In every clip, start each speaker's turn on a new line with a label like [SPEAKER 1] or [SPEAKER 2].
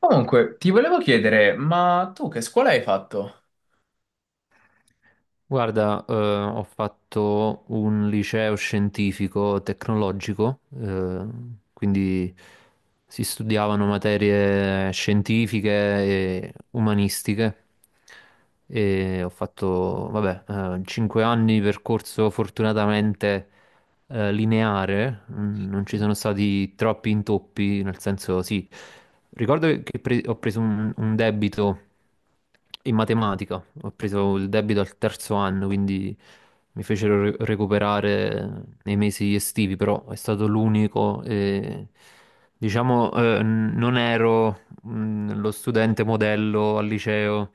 [SPEAKER 1] Comunque, ti volevo chiedere, ma tu che scuola hai fatto?
[SPEAKER 2] Guarda, ho fatto un liceo scientifico tecnologico, quindi si studiavano materie scientifiche e umanistiche e ho fatto, vabbè, 5 anni di percorso fortunatamente lineare, non ci sono stati troppi intoppi, nel senso sì, ricordo che ho preso un debito in matematica. Ho preso il debito al terzo anno, quindi mi fecero recuperare nei mesi estivi, però è stato l'unico e diciamo non ero lo studente modello al liceo,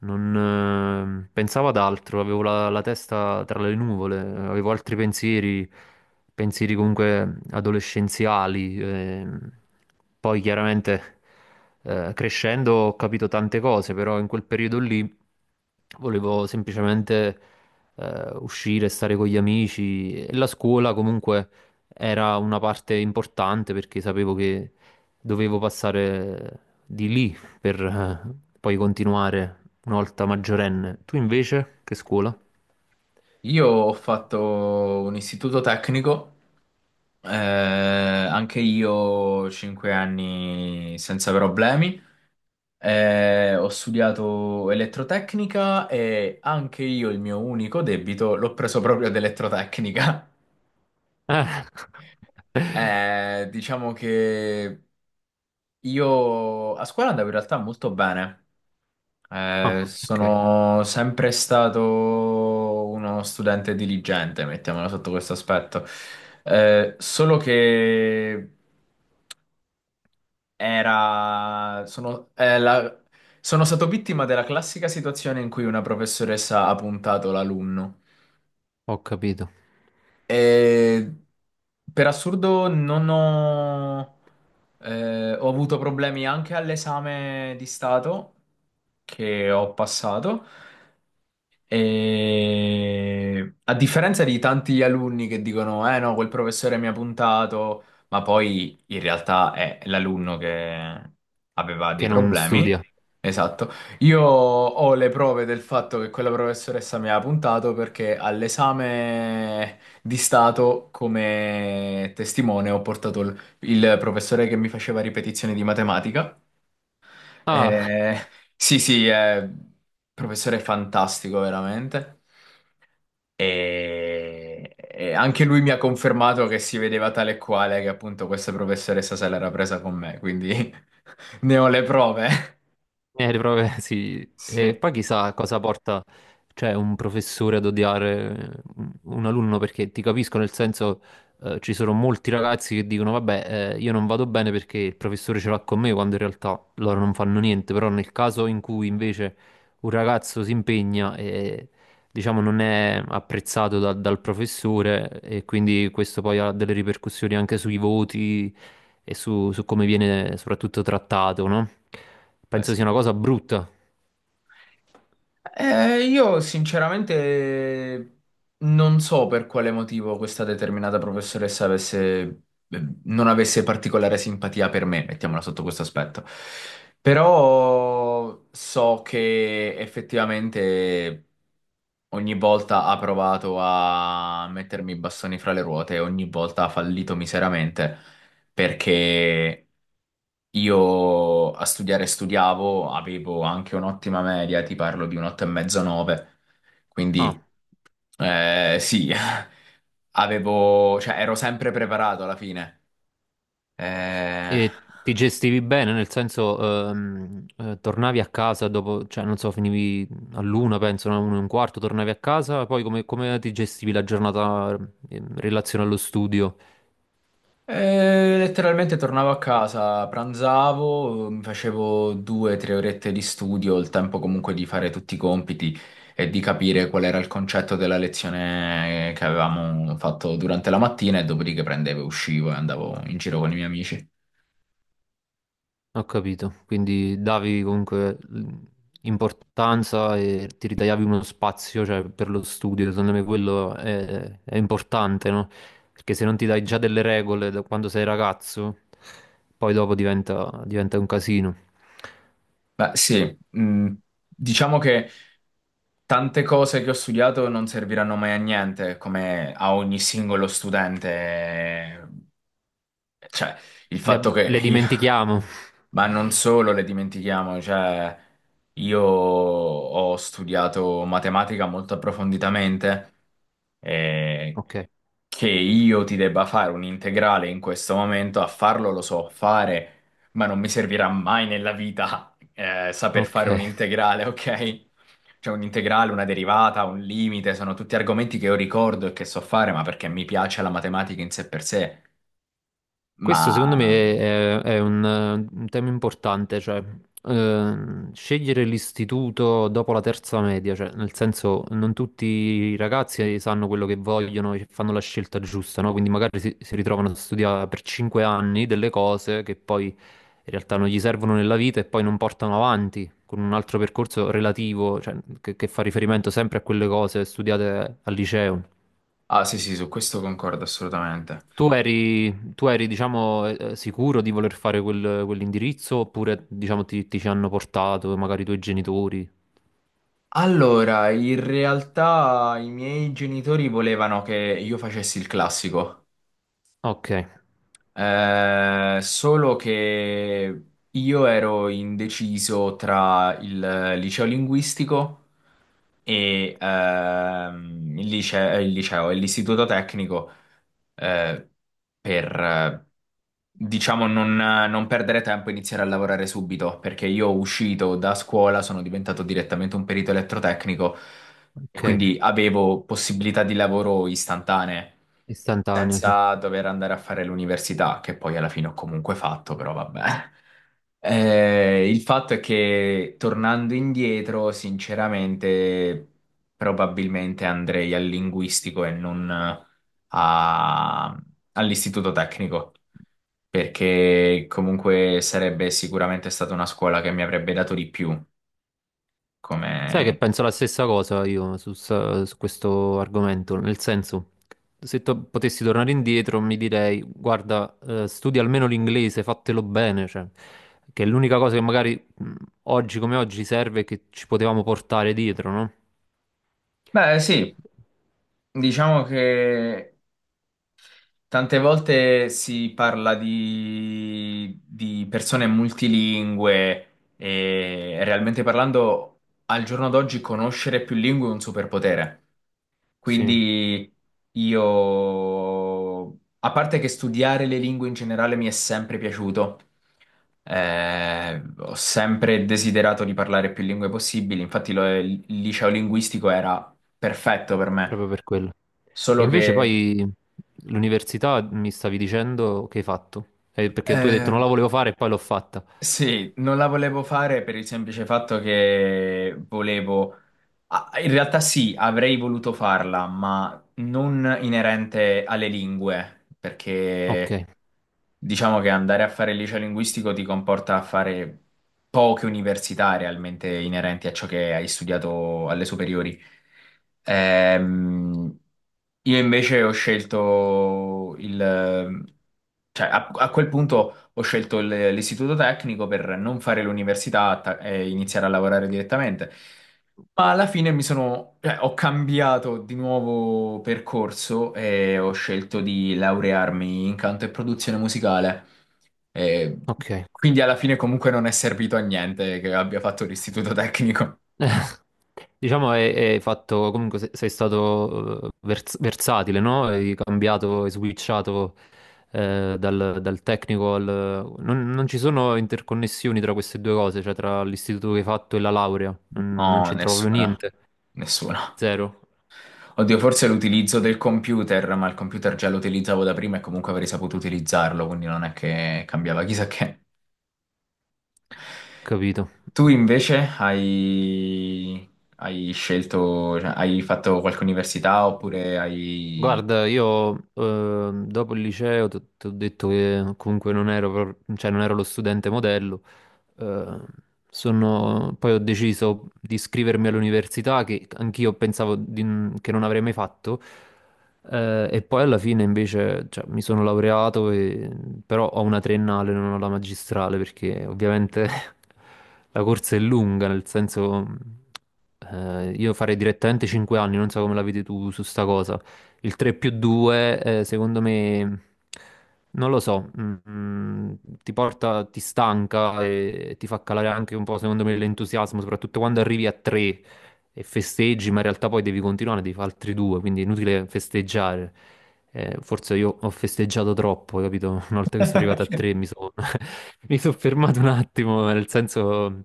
[SPEAKER 2] non, pensavo ad altro, avevo la testa tra le nuvole, avevo altri pensieri, pensieri comunque adolescenziali. Poi chiaramente crescendo ho capito tante cose, però in quel periodo lì volevo semplicemente uscire, stare con gli amici e la scuola comunque era una parte importante perché sapevo che dovevo passare di lì per poi continuare una volta maggiorenne. Tu invece, che scuola?
[SPEAKER 1] Io ho fatto un istituto tecnico, anche io 5 anni senza problemi, ho studiato elettrotecnica e anche io il mio unico debito l'ho preso proprio ad elettrotecnica.
[SPEAKER 2] Eh.
[SPEAKER 1] Diciamo che io a scuola andavo in realtà molto bene.
[SPEAKER 2] Ah, ok,
[SPEAKER 1] Sono sempre stato uno studente diligente, mettiamolo sotto questo aspetto. Solo che era, sono, eh, la- sono stato vittima della classica situazione in cui una professoressa ha puntato l'alunno.
[SPEAKER 2] ho capito.
[SPEAKER 1] E per assurdo non ho, ho avuto problemi anche all'esame di Stato che ho passato. E a differenza di tanti alunni che dicono, eh no, quel professore mi ha puntato, ma poi in realtà è l'alunno che aveva dei
[SPEAKER 2] Che non
[SPEAKER 1] problemi.
[SPEAKER 2] studia.
[SPEAKER 1] Esatto. Io ho le prove del fatto che quella professoressa mi ha puntato perché all'esame di Stato come testimone ho portato il professore che mi faceva ripetizioni di matematica.
[SPEAKER 2] Ah,
[SPEAKER 1] Eh, sì, sì, è un professore fantastico, veramente. E anche lui mi ha confermato che si vedeva tale e quale, che appunto questa professoressa se l'era presa con me, quindi ne ho le prove.
[SPEAKER 2] eh, le prove, sì. E
[SPEAKER 1] Sì,
[SPEAKER 2] poi chissà cosa porta, cioè, un professore ad odiare un alunno, perché ti capisco, nel senso, ci sono molti ragazzi che dicono, vabbè, io non vado bene perché il professore ce l'ha con me, quando in realtà loro non fanno niente, però nel caso in cui invece un ragazzo si impegna e, diciamo, non è apprezzato dal professore e quindi questo poi ha delle ripercussioni anche sui voti e su, su come viene soprattutto trattato, no?
[SPEAKER 1] beh
[SPEAKER 2] Penso sia
[SPEAKER 1] sì.
[SPEAKER 2] una cosa brutta.
[SPEAKER 1] Io sinceramente non so per quale motivo questa determinata professoressa avesse, non avesse particolare simpatia per me, mettiamola sotto questo aspetto. Però so che effettivamente ogni volta ha provato a mettermi i bastoni fra le ruote, ogni volta ha fallito miseramente perché io a studiare studiavo, avevo anche un'ottima media, ti parlo di un 8,5-9,
[SPEAKER 2] Ah,
[SPEAKER 1] quindi sì, avevo, cioè ero sempre preparato alla fine. Eh,
[SPEAKER 2] e ti gestivi bene, nel senso, tornavi a casa dopo, cioè non so, finivi all'una, penso, no? Uno e un quarto, tornavi a casa, poi come, come ti gestivi la giornata in relazione allo studio?
[SPEAKER 1] Letteralmente tornavo a casa, pranzavo, mi facevo due o tre orette di studio, il tempo comunque di fare tutti i compiti e di capire qual era il concetto della lezione che avevamo fatto durante la mattina e dopodiché prendevo, e uscivo e andavo in giro con i miei amici.
[SPEAKER 2] Ho capito, quindi davi comunque importanza e ti ritagliavi uno spazio, cioè, per lo studio, secondo me quello è importante, no? Perché se non ti dai già delle regole da quando sei ragazzo, poi dopo diventa un casino.
[SPEAKER 1] Beh, sì, diciamo che tante cose che ho studiato non serviranno mai a niente, come a ogni singolo studente. Cioè, il fatto che
[SPEAKER 2] Le
[SPEAKER 1] io...
[SPEAKER 2] dimentichiamo.
[SPEAKER 1] Ma non solo le dimentichiamo, cioè, io ho studiato matematica molto approfonditamente, eh,
[SPEAKER 2] Ok,
[SPEAKER 1] che io ti debba fare un integrale in questo momento, a farlo lo so fare, ma non mi servirà mai nella vita, saper fare un
[SPEAKER 2] ok.
[SPEAKER 1] integrale, ok? Cioè un integrale, una derivata, un limite, sono tutti argomenti che io ricordo e che so fare, ma perché mi piace la matematica in sé per sé. Ma...
[SPEAKER 2] Questo secondo me è un tema importante, cioè scegliere l'istituto dopo la terza media, cioè nel senso non tutti i ragazzi sanno quello che vogliono e fanno la scelta giusta, no? Quindi magari si, si ritrovano a studiare per cinque anni delle cose che poi in realtà non gli servono nella vita e poi non portano avanti con un altro percorso relativo, cioè, che fa riferimento sempre a quelle cose studiate al liceo.
[SPEAKER 1] Ah sì sì, su questo concordo assolutamente.
[SPEAKER 2] Tu eri, diciamo, sicuro di voler fare quell'indirizzo oppure, diciamo, ti ci hanno portato magari i tuoi genitori?
[SPEAKER 1] Allora, in realtà i miei genitori volevano che io facessi il classico.
[SPEAKER 2] Ok,
[SPEAKER 1] Solo che io ero indeciso tra il liceo linguistico e il liceo, e l'istituto tecnico, eh, per, eh, diciamo, non perdere tempo e iniziare a lavorare subito, perché io uscito da scuola sono diventato direttamente un perito elettrotecnico e
[SPEAKER 2] ok,
[SPEAKER 1] quindi avevo possibilità di lavoro istantanee
[SPEAKER 2] istantaneo, sì.
[SPEAKER 1] senza dover andare a fare l'università, che poi alla fine ho comunque fatto, però vabbè. Il fatto è che tornando indietro, sinceramente, probabilmente andrei al linguistico e non a- all'istituto tecnico, perché comunque sarebbe sicuramente stata una scuola che mi avrebbe dato di più
[SPEAKER 2] Sai che
[SPEAKER 1] come...
[SPEAKER 2] penso la stessa cosa io su questo argomento, nel senso, se potessi tornare indietro mi direi, guarda, studia almeno l'inglese, fatelo bene, cioè, che è l'unica cosa che magari oggi come oggi serve e che ci potevamo portare dietro, no?
[SPEAKER 1] Beh, sì, diciamo che tante volte si parla di, persone multilingue e realmente parlando, al giorno d'oggi conoscere più lingue è un superpotere.
[SPEAKER 2] Sì.
[SPEAKER 1] Quindi io, a parte che studiare le lingue in generale mi è sempre piaciuto, ho sempre desiderato di parlare più lingue possibili, infatti il liceo linguistico era perfetto per me,
[SPEAKER 2] Proprio per quello. E
[SPEAKER 1] solo
[SPEAKER 2] invece
[SPEAKER 1] che...
[SPEAKER 2] poi l'università mi stavi dicendo che hai fatto, eh, perché tu hai detto
[SPEAKER 1] eh,
[SPEAKER 2] non la volevo fare e poi l'ho fatta.
[SPEAKER 1] Sì, non la volevo fare per il semplice fatto che volevo... ah, in realtà sì, avrei voluto farla, ma non inerente alle lingue,
[SPEAKER 2] Ok,
[SPEAKER 1] perché diciamo che andare a fare il liceo linguistico ti comporta a fare poche università realmente inerenti a ciò che hai studiato alle superiori. Ehm, io invece ho scelto il... cioè a quel punto ho scelto l'istituto tecnico per non fare l'università e iniziare a lavorare direttamente. Ma alla fine mi sono, cioè, ho cambiato di nuovo percorso e ho scelto di laurearmi in canto e produzione musicale. E
[SPEAKER 2] ok.
[SPEAKER 1] quindi alla fine comunque non è servito a niente che abbia fatto l'istituto tecnico.
[SPEAKER 2] Diciamo hai, hai fatto, comunque sei stato versatile, no? Hai cambiato, hai switchato dal tecnico al... Non, non ci sono interconnessioni tra queste due cose, cioè tra l'istituto che hai fatto e la laurea, non, non
[SPEAKER 1] No,
[SPEAKER 2] c'entra proprio
[SPEAKER 1] nessuna.
[SPEAKER 2] niente.
[SPEAKER 1] Nessuna.
[SPEAKER 2] Zero,
[SPEAKER 1] Oddio, forse l'utilizzo del computer, ma il computer già lo utilizzavo da prima e comunque avrei saputo utilizzarlo, quindi non è che cambiava chissà che.
[SPEAKER 2] capito.
[SPEAKER 1] Tu invece hai, hai scelto, cioè, hai fatto qualche università oppure hai...
[SPEAKER 2] Guarda, io dopo il liceo ti ho detto che comunque non ero, cioè non ero lo studente modello, eh, poi ho deciso di iscrivermi all'università che anch'io pensavo che non avrei mai fatto e poi alla fine invece cioè, mi sono però ho una triennale, non ho la magistrale perché ovviamente la corsa è lunga, nel senso io farei direttamente 5 anni, non so come la vedi tu su sta cosa. Il 3 più 2, secondo me, non lo so, ti porta, ti stanca e ti fa calare anche un po', secondo me, l'entusiasmo, soprattutto quando arrivi a 3 e festeggi, ma in realtà poi devi continuare, devi fare altri due, quindi è inutile festeggiare. Forse io ho festeggiato troppo, capito? Una volta che sono arrivato a 3 mi sono mi sono fermato un attimo, nel senso...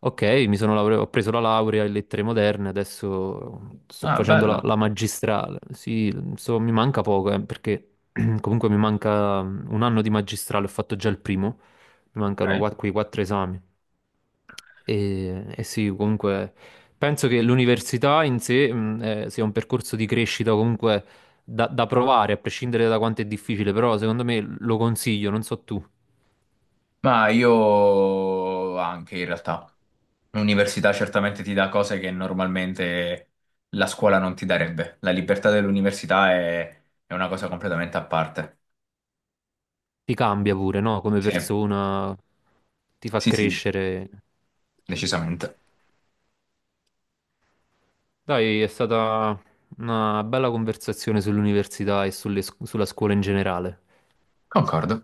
[SPEAKER 2] Ok, mi sono ho preso la laurea in lettere moderne, adesso sto
[SPEAKER 1] Ah,
[SPEAKER 2] facendo
[SPEAKER 1] bello.
[SPEAKER 2] la magistrale. Sì, mi manca poco, perché comunque mi manca un anno di magistrale, ho fatto già il primo, mi mancano
[SPEAKER 1] Ok.
[SPEAKER 2] quei quattro esami. E sì, comunque penso che l'università in sé, sia un percorso di crescita comunque da, da provare, a prescindere da quanto è difficile, però secondo me lo consiglio, non so tu.
[SPEAKER 1] Ma io anche in realtà. L'università certamente ti dà cose che normalmente la scuola non ti darebbe. La libertà dell'università è una cosa completamente a parte.
[SPEAKER 2] Ti cambia pure, no? Come
[SPEAKER 1] Sì,
[SPEAKER 2] persona, ti fa
[SPEAKER 1] sì, sì,
[SPEAKER 2] crescere.
[SPEAKER 1] decisamente.
[SPEAKER 2] Dai, è stata una bella conversazione sull'università e sulle sulla scuola in generale.
[SPEAKER 1] Concordo.